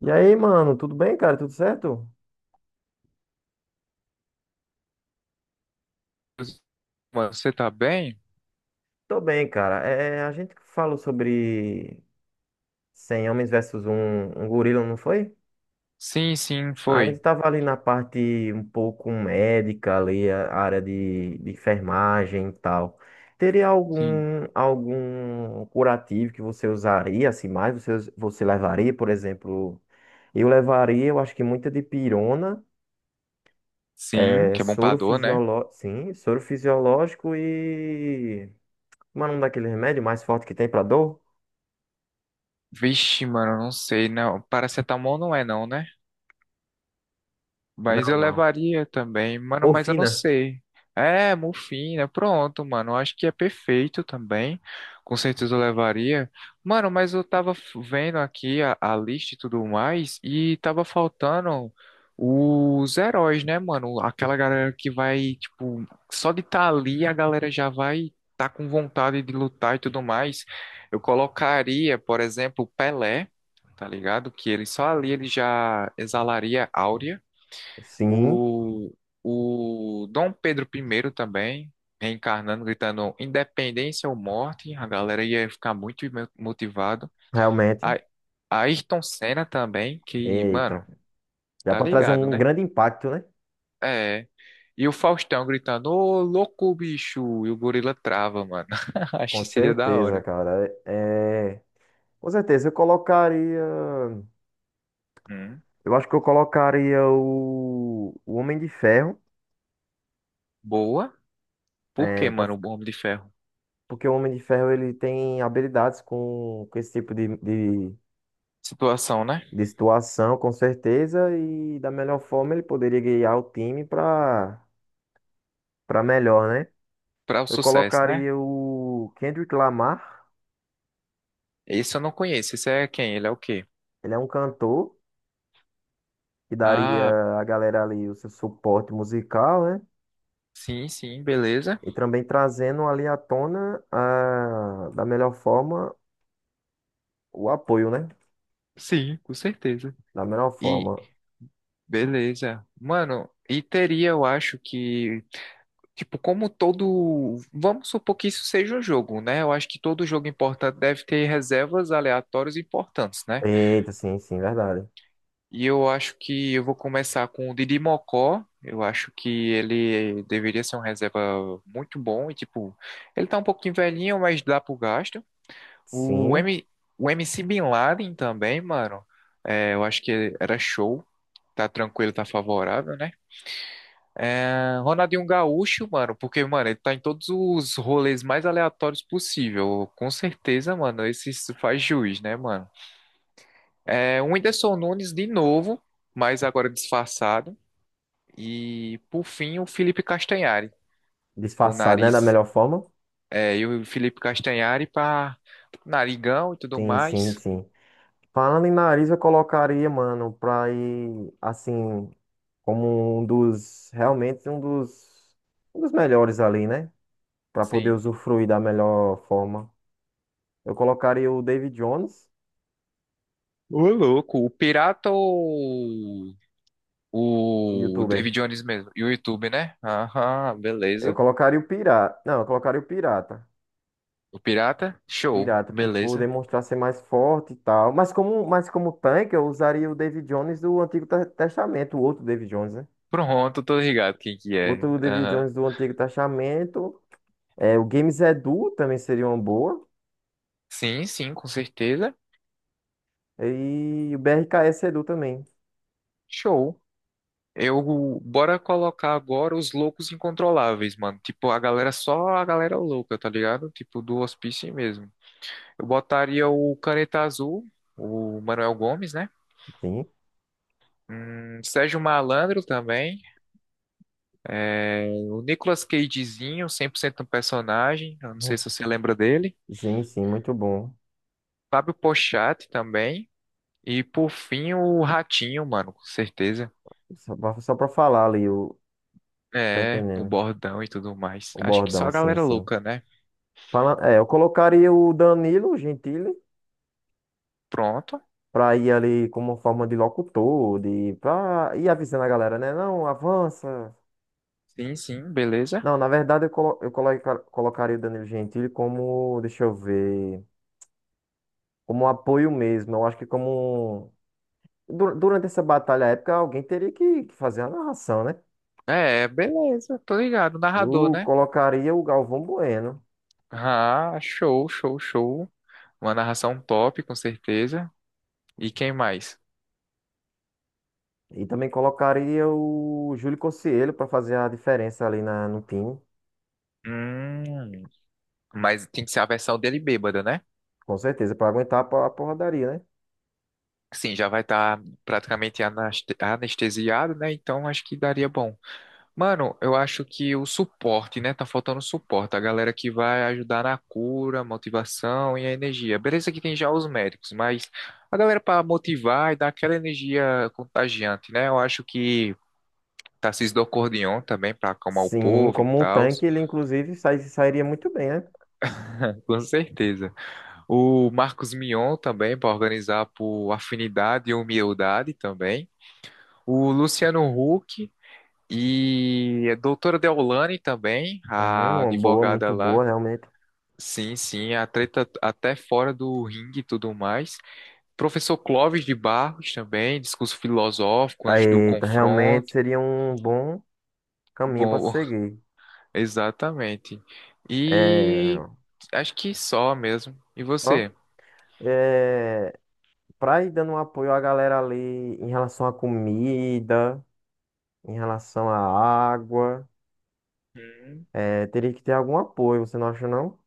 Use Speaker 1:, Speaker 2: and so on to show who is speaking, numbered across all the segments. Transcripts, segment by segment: Speaker 1: E aí, mano, tudo bem, cara? Tudo certo?
Speaker 2: Você tá bem?
Speaker 1: Tô bem, cara. A gente falou sobre 100 homens versus um gorila, não foi?
Speaker 2: Sim, sim,
Speaker 1: A gente
Speaker 2: foi.
Speaker 1: tava ali na parte um pouco médica, ali, a área de enfermagem e tal. Teria
Speaker 2: Sim.
Speaker 1: algum curativo que você usaria, assim, mais? Você, você levaria, por exemplo... Eu levaria, eu acho que muita dipirona,
Speaker 2: Sim,
Speaker 1: é,
Speaker 2: que é bom pra
Speaker 1: soro
Speaker 2: dor, né?
Speaker 1: fisiológico, sim, soro fisiológico e como é o nome daquele remédio mais forte que tem pra dor?
Speaker 2: Vixe, mano, não sei, não. Paracetamol não é não, né? Mas
Speaker 1: Não,
Speaker 2: eu
Speaker 1: não.
Speaker 2: levaria também, mano, mas eu não
Speaker 1: Morfina.
Speaker 2: sei. É, mufina, pronto, mano. Eu Acho que é perfeito também. Com certeza eu levaria. Mano, mas eu tava vendo aqui a lista e tudo mais, e tava faltando os heróis, né, mano? Aquela galera que vai, tipo, só de estar ali a galera já vai tá com vontade de lutar e tudo mais. Eu colocaria, por exemplo, o Pelé, tá ligado? Que ele só ali ele já exalaria áurea.
Speaker 1: Sim,
Speaker 2: O, o Dom Pedro primeiro também, reencarnando, gritando independência ou morte, a galera ia ficar muito motivado.
Speaker 1: realmente.
Speaker 2: A, Ayrton Senna também, que,
Speaker 1: Eita.
Speaker 2: mano,
Speaker 1: Dá
Speaker 2: tá
Speaker 1: pra trazer
Speaker 2: ligado,
Speaker 1: um
Speaker 2: né?
Speaker 1: grande impacto, né?
Speaker 2: É. E o Faustão gritando, ô louco bicho, e o gorila trava, mano. Acho
Speaker 1: Com
Speaker 2: que seria da
Speaker 1: certeza,
Speaker 2: hora.
Speaker 1: cara. Com certeza, eu colocaria.
Speaker 2: Hum,
Speaker 1: Eu acho que eu colocaria o Homem de Ferro.
Speaker 2: boa. Por que,
Speaker 1: É,
Speaker 2: mano, o Homem de Ferro?
Speaker 1: porque o Homem de Ferro ele tem habilidades com esse tipo
Speaker 2: Situação, né?
Speaker 1: de situação, com certeza. E da melhor forma ele poderia guiar o time para para melhor, né?
Speaker 2: Para o
Speaker 1: Eu
Speaker 2: sucesso, né?
Speaker 1: colocaria o Kendrick Lamar.
Speaker 2: Esse eu não conheço. Esse é quem? Ele é o quê?
Speaker 1: Ele é um cantor que daria
Speaker 2: Ah,
Speaker 1: à galera ali o seu suporte musical, né?
Speaker 2: sim, sim, beleza.
Speaker 1: E também trazendo ali à tona da melhor forma o apoio, né?
Speaker 2: Sim, com certeza.
Speaker 1: Da melhor
Speaker 2: E
Speaker 1: forma.
Speaker 2: beleza. Mano, e teria, eu acho que, tipo, como todo. Vamos supor que isso seja um jogo, né? Eu acho que todo jogo importante deve ter reservas aleatórias importantes, né?
Speaker 1: Eita, sim, sim, verdade.
Speaker 2: E eu acho que eu vou começar com o Didi Mocó. Eu acho que ele deveria ser um reserva muito bom. E, tipo, ele tá um pouquinho velhinho, mas dá pro gasto. O,
Speaker 1: Sim,
Speaker 2: M... o MC Bin Laden também, mano. É, eu acho que era show. Tá tranquilo, tá favorável, né? É, Ronaldinho Gaúcho, mano, porque, mano, ele tá em todos os rolês mais aleatórios possível. Com certeza, mano, esse faz juiz, né, mano? É, o Whindersson Nunes de novo, mas agora disfarçado. E, por fim, o Felipe Castanhari, com o
Speaker 1: disfarçado, né? Da
Speaker 2: nariz.
Speaker 1: melhor forma.
Speaker 2: É, e o Felipe Castanhari pra narigão e tudo
Speaker 1: Sim, sim,
Speaker 2: mais.
Speaker 1: sim. Falando em nariz, eu colocaria, mano, pra ir, assim, como um realmente um um dos melhores ali, né? Para poder
Speaker 2: Sim, sim.
Speaker 1: usufruir da melhor forma. Eu colocaria o David Jones,
Speaker 2: Ô, louco, o pirata ou
Speaker 1: o
Speaker 2: o David
Speaker 1: youtuber.
Speaker 2: Jones mesmo? E o YouTube, né? Aham,
Speaker 1: Eu
Speaker 2: beleza.
Speaker 1: colocaria o pirata. Não, eu colocaria o pirata.
Speaker 2: O pirata? Show.
Speaker 1: Pirata, por poder
Speaker 2: Beleza.
Speaker 1: mostrar ser mais forte e tal. Mas como tanque, eu usaria o David Jones do Antigo Testamento, o outro David Jones, né?
Speaker 2: Pronto, tô ligado quem que
Speaker 1: O
Speaker 2: é.
Speaker 1: outro David
Speaker 2: Aham.
Speaker 1: Jones do Antigo Testamento. É, o Games Edu também seria uma boa.
Speaker 2: Sim, sim, com certeza.
Speaker 1: E o BRKS Edu também.
Speaker 2: Show. Eu, bora colocar agora os loucos incontroláveis, mano. Tipo, a galera, só a galera louca, tá ligado? Tipo, do hospício mesmo. Eu botaria o Caneta Azul, o Manuel Gomes, né?
Speaker 1: Sim.
Speaker 2: Sérgio Malandro também. É, o Nicolas Cagezinho, 100% um personagem. Eu não sei
Speaker 1: Hum.
Speaker 2: se você lembra dele.
Speaker 1: Sim, sim, muito bom.
Speaker 2: Fábio Pochatti também. E por fim, o ratinho, mano, com certeza.
Speaker 1: Só pra falar ali, o, tá
Speaker 2: É, o
Speaker 1: entendendo?
Speaker 2: bordão e tudo mais.
Speaker 1: O
Speaker 2: Acho que
Speaker 1: bordão,
Speaker 2: só a
Speaker 1: sim,
Speaker 2: galera
Speaker 1: sim.
Speaker 2: louca, né?
Speaker 1: É, eu colocaria o Danilo Gentili
Speaker 2: Pronto.
Speaker 1: pra ir ali como forma de locutor, pra ir avisando a galera, né? Não, avança.
Speaker 2: Sim, sim, beleza.
Speaker 1: Não, na verdade eu, colo, eu coloca- colocaria o Danilo Gentili como, deixa eu ver, como apoio mesmo. Eu acho que como durante essa batalha épica, alguém teria que fazer a narração, né?
Speaker 2: É, beleza, tô ligado. Narrador,
Speaker 1: Eu
Speaker 2: né?
Speaker 1: colocaria o Galvão Bueno.
Speaker 2: Ah, show, show, show. Uma narração top, com certeza. E quem mais?
Speaker 1: E também colocaria o Júlio Cocielo pra fazer a diferença ali no time.
Speaker 2: Hum, mas tem que ser a versão dele bêbada, né?
Speaker 1: Com certeza, pra aguentar a porradaria, né?
Speaker 2: Sim, já vai estar praticamente anestesiado, né? Então acho que daria bom. Mano, eu acho que o suporte, né? Tá faltando suporte. A galera que vai ajudar na cura, motivação e a energia. Beleza que tem já os médicos, mas a galera para motivar e dar aquela energia contagiante, né? Eu acho que Tarcísio do Acordeon também para acalmar o
Speaker 1: Sim,
Speaker 2: povo e
Speaker 1: como um
Speaker 2: tal.
Speaker 1: tanque, ele inclusive sairia muito bem, né?
Speaker 2: Com certeza. O Marcos Mion também para organizar por afinidade e humildade também. O Luciano Huck. E a doutora Deolane também,
Speaker 1: Uhum,
Speaker 2: a
Speaker 1: uma boa,
Speaker 2: advogada
Speaker 1: muito boa,
Speaker 2: lá,
Speaker 1: realmente.
Speaker 2: sim, sim, a treta até fora do ringue e tudo mais. Professor Clóvis de Barros também, discurso filosófico antes do
Speaker 1: Aí, tá, realmente
Speaker 2: confronto.
Speaker 1: seria um bom caminho para
Speaker 2: Bom,
Speaker 1: seguir.
Speaker 2: exatamente. E
Speaker 1: É,
Speaker 2: acho que só mesmo. E
Speaker 1: só
Speaker 2: você?
Speaker 1: é, para ir dando um apoio à galera ali em relação à comida, em relação à água,
Speaker 2: Hum.
Speaker 1: é, teria que ter algum apoio, você não acha, não?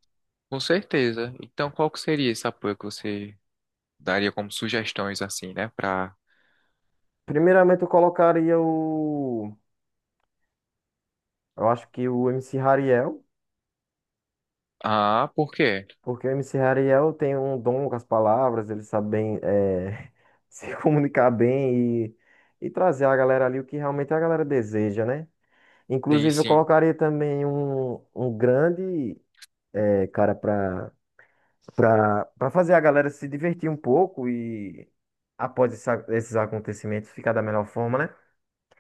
Speaker 2: Com certeza. Então, qual que seria esse apoio que você daria como sugestões assim, né, para...
Speaker 1: Primeiramente, eu colocaria o. Eu acho que o MC Hariel.
Speaker 2: Ah, por quê?
Speaker 1: Porque o MC Ariel tem um dom com as palavras, ele sabe bem se comunicar bem e trazer a galera ali o que realmente a galera deseja, né?
Speaker 2: Sim,
Speaker 1: Inclusive, eu
Speaker 2: sim.
Speaker 1: colocaria também um grande cara para para fazer a galera se divertir um pouco e, esses acontecimentos, ficar da melhor forma, né?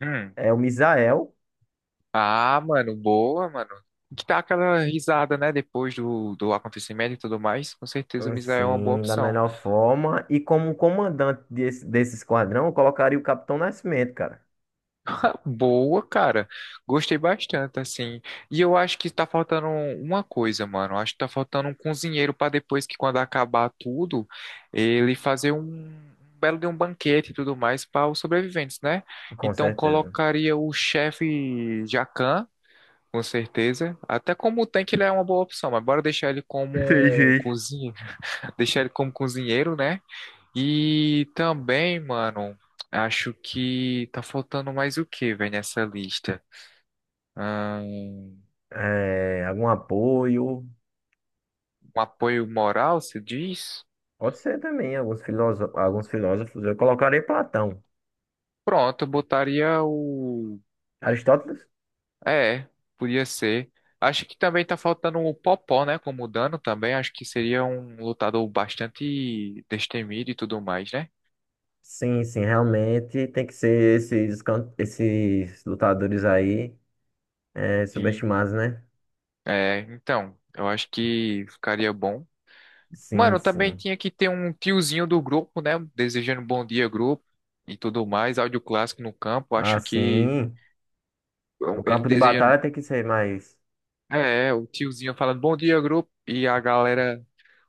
Speaker 2: Hum.
Speaker 1: É o Misael,
Speaker 2: Ah, mano, boa, mano. Que dá aquela risada, né? Depois do, do acontecimento e tudo mais. Com certeza o Misa é uma boa
Speaker 1: sim, da
Speaker 2: opção.
Speaker 1: melhor forma. E como comandante desse esquadrão, eu colocaria o Capitão Nascimento, cara,
Speaker 2: Boa, cara. Gostei bastante, assim. E eu acho que tá faltando uma coisa, mano. Acho que tá faltando um cozinheiro pra depois que quando acabar tudo, ele fazer um um belo de um banquete e tudo mais para os sobreviventes, né?
Speaker 1: com
Speaker 2: Então
Speaker 1: certeza.
Speaker 2: colocaria o chefe Jacan. Com certeza. Até como tanque ele é uma boa opção, mas bora deixar ele como
Speaker 1: Sei,
Speaker 2: um
Speaker 1: sei.
Speaker 2: cozinheiro. Deixar ele como cozinheiro, né? E também, mano, acho que tá faltando mais o que, velho, nessa lista? Um,
Speaker 1: É, algum apoio.
Speaker 2: apoio moral, se diz?
Speaker 1: Pode ser também, alguns filósofos. Eu colocaria Platão.
Speaker 2: Pronto, eu botaria o.
Speaker 1: Aristóteles?
Speaker 2: É, podia ser. Acho que também tá faltando o Popó, né? Como dano também. Acho que seria um lutador bastante destemido e tudo mais, né?
Speaker 1: Sim, sim, realmente tem que ser esses lutadores aí é,
Speaker 2: Sim.
Speaker 1: subestimados, né?
Speaker 2: É, então, eu acho que ficaria bom.
Speaker 1: Sim,
Speaker 2: Mano, também
Speaker 1: sim.
Speaker 2: tinha que ter um tiozinho do grupo, né? Desejando bom dia, grupo e tudo mais. Áudio clássico no campo. Acho que
Speaker 1: Assim, no
Speaker 2: ele
Speaker 1: campo de
Speaker 2: desejando.
Speaker 1: batalha tem que ser mais.
Speaker 2: É, é, o tiozinho falando bom dia, grupo. E a galera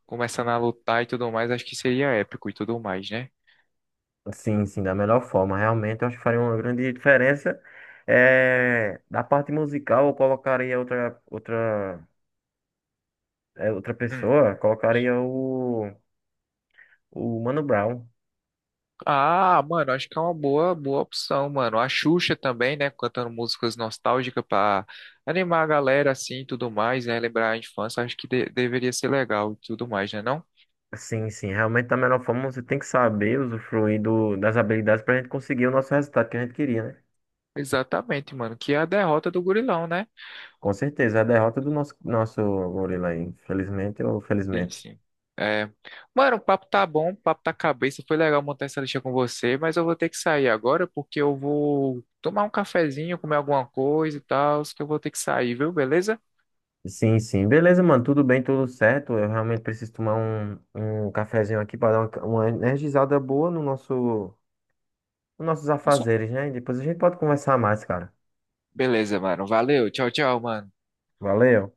Speaker 2: começando a lutar e tudo mais. Acho que seria épico e tudo mais, né?
Speaker 1: Sim, sim, da melhor forma. Realmente, eu acho que faria uma grande diferença. É, da parte musical, eu colocaria outra
Speaker 2: Hum.
Speaker 1: pessoa, colocaria o. O Mano Brown.
Speaker 2: Ah, mano, acho que é uma boa, boa opção, mano. A Xuxa também, né, cantando músicas nostálgicas pra animar a galera assim e tudo mais, né, lembrar a infância, acho que deveria ser legal e tudo mais, né, não?
Speaker 1: Sim, sim. Realmente, da melhor forma, você tem que saber usufruir do, das habilidades para a gente conseguir o nosso resultado que a gente queria, né?
Speaker 2: Exatamente, mano, que é a derrota do Gurilão, né?
Speaker 1: Com certeza. É a derrota do nosso gorila aí. Infelizmente ou
Speaker 2: Sim,
Speaker 1: felizmente.
Speaker 2: sim. É. Mano, o papo tá bom, o papo tá cabeça, foi legal montar essa lista com você, mas eu vou ter que sair agora porque eu vou tomar um cafezinho, comer alguma coisa e tal, que eu vou ter que sair, viu? Beleza?
Speaker 1: Sim, sim. Beleza, mano. Tudo bem, tudo certo. Eu realmente preciso tomar um cafezinho aqui para dar uma energizada boa no nos nossos
Speaker 2: Tá certo.
Speaker 1: afazeres, né? E depois a gente pode conversar mais, cara.
Speaker 2: Beleza, mano. Valeu. Tchau, tchau, mano.
Speaker 1: Valeu.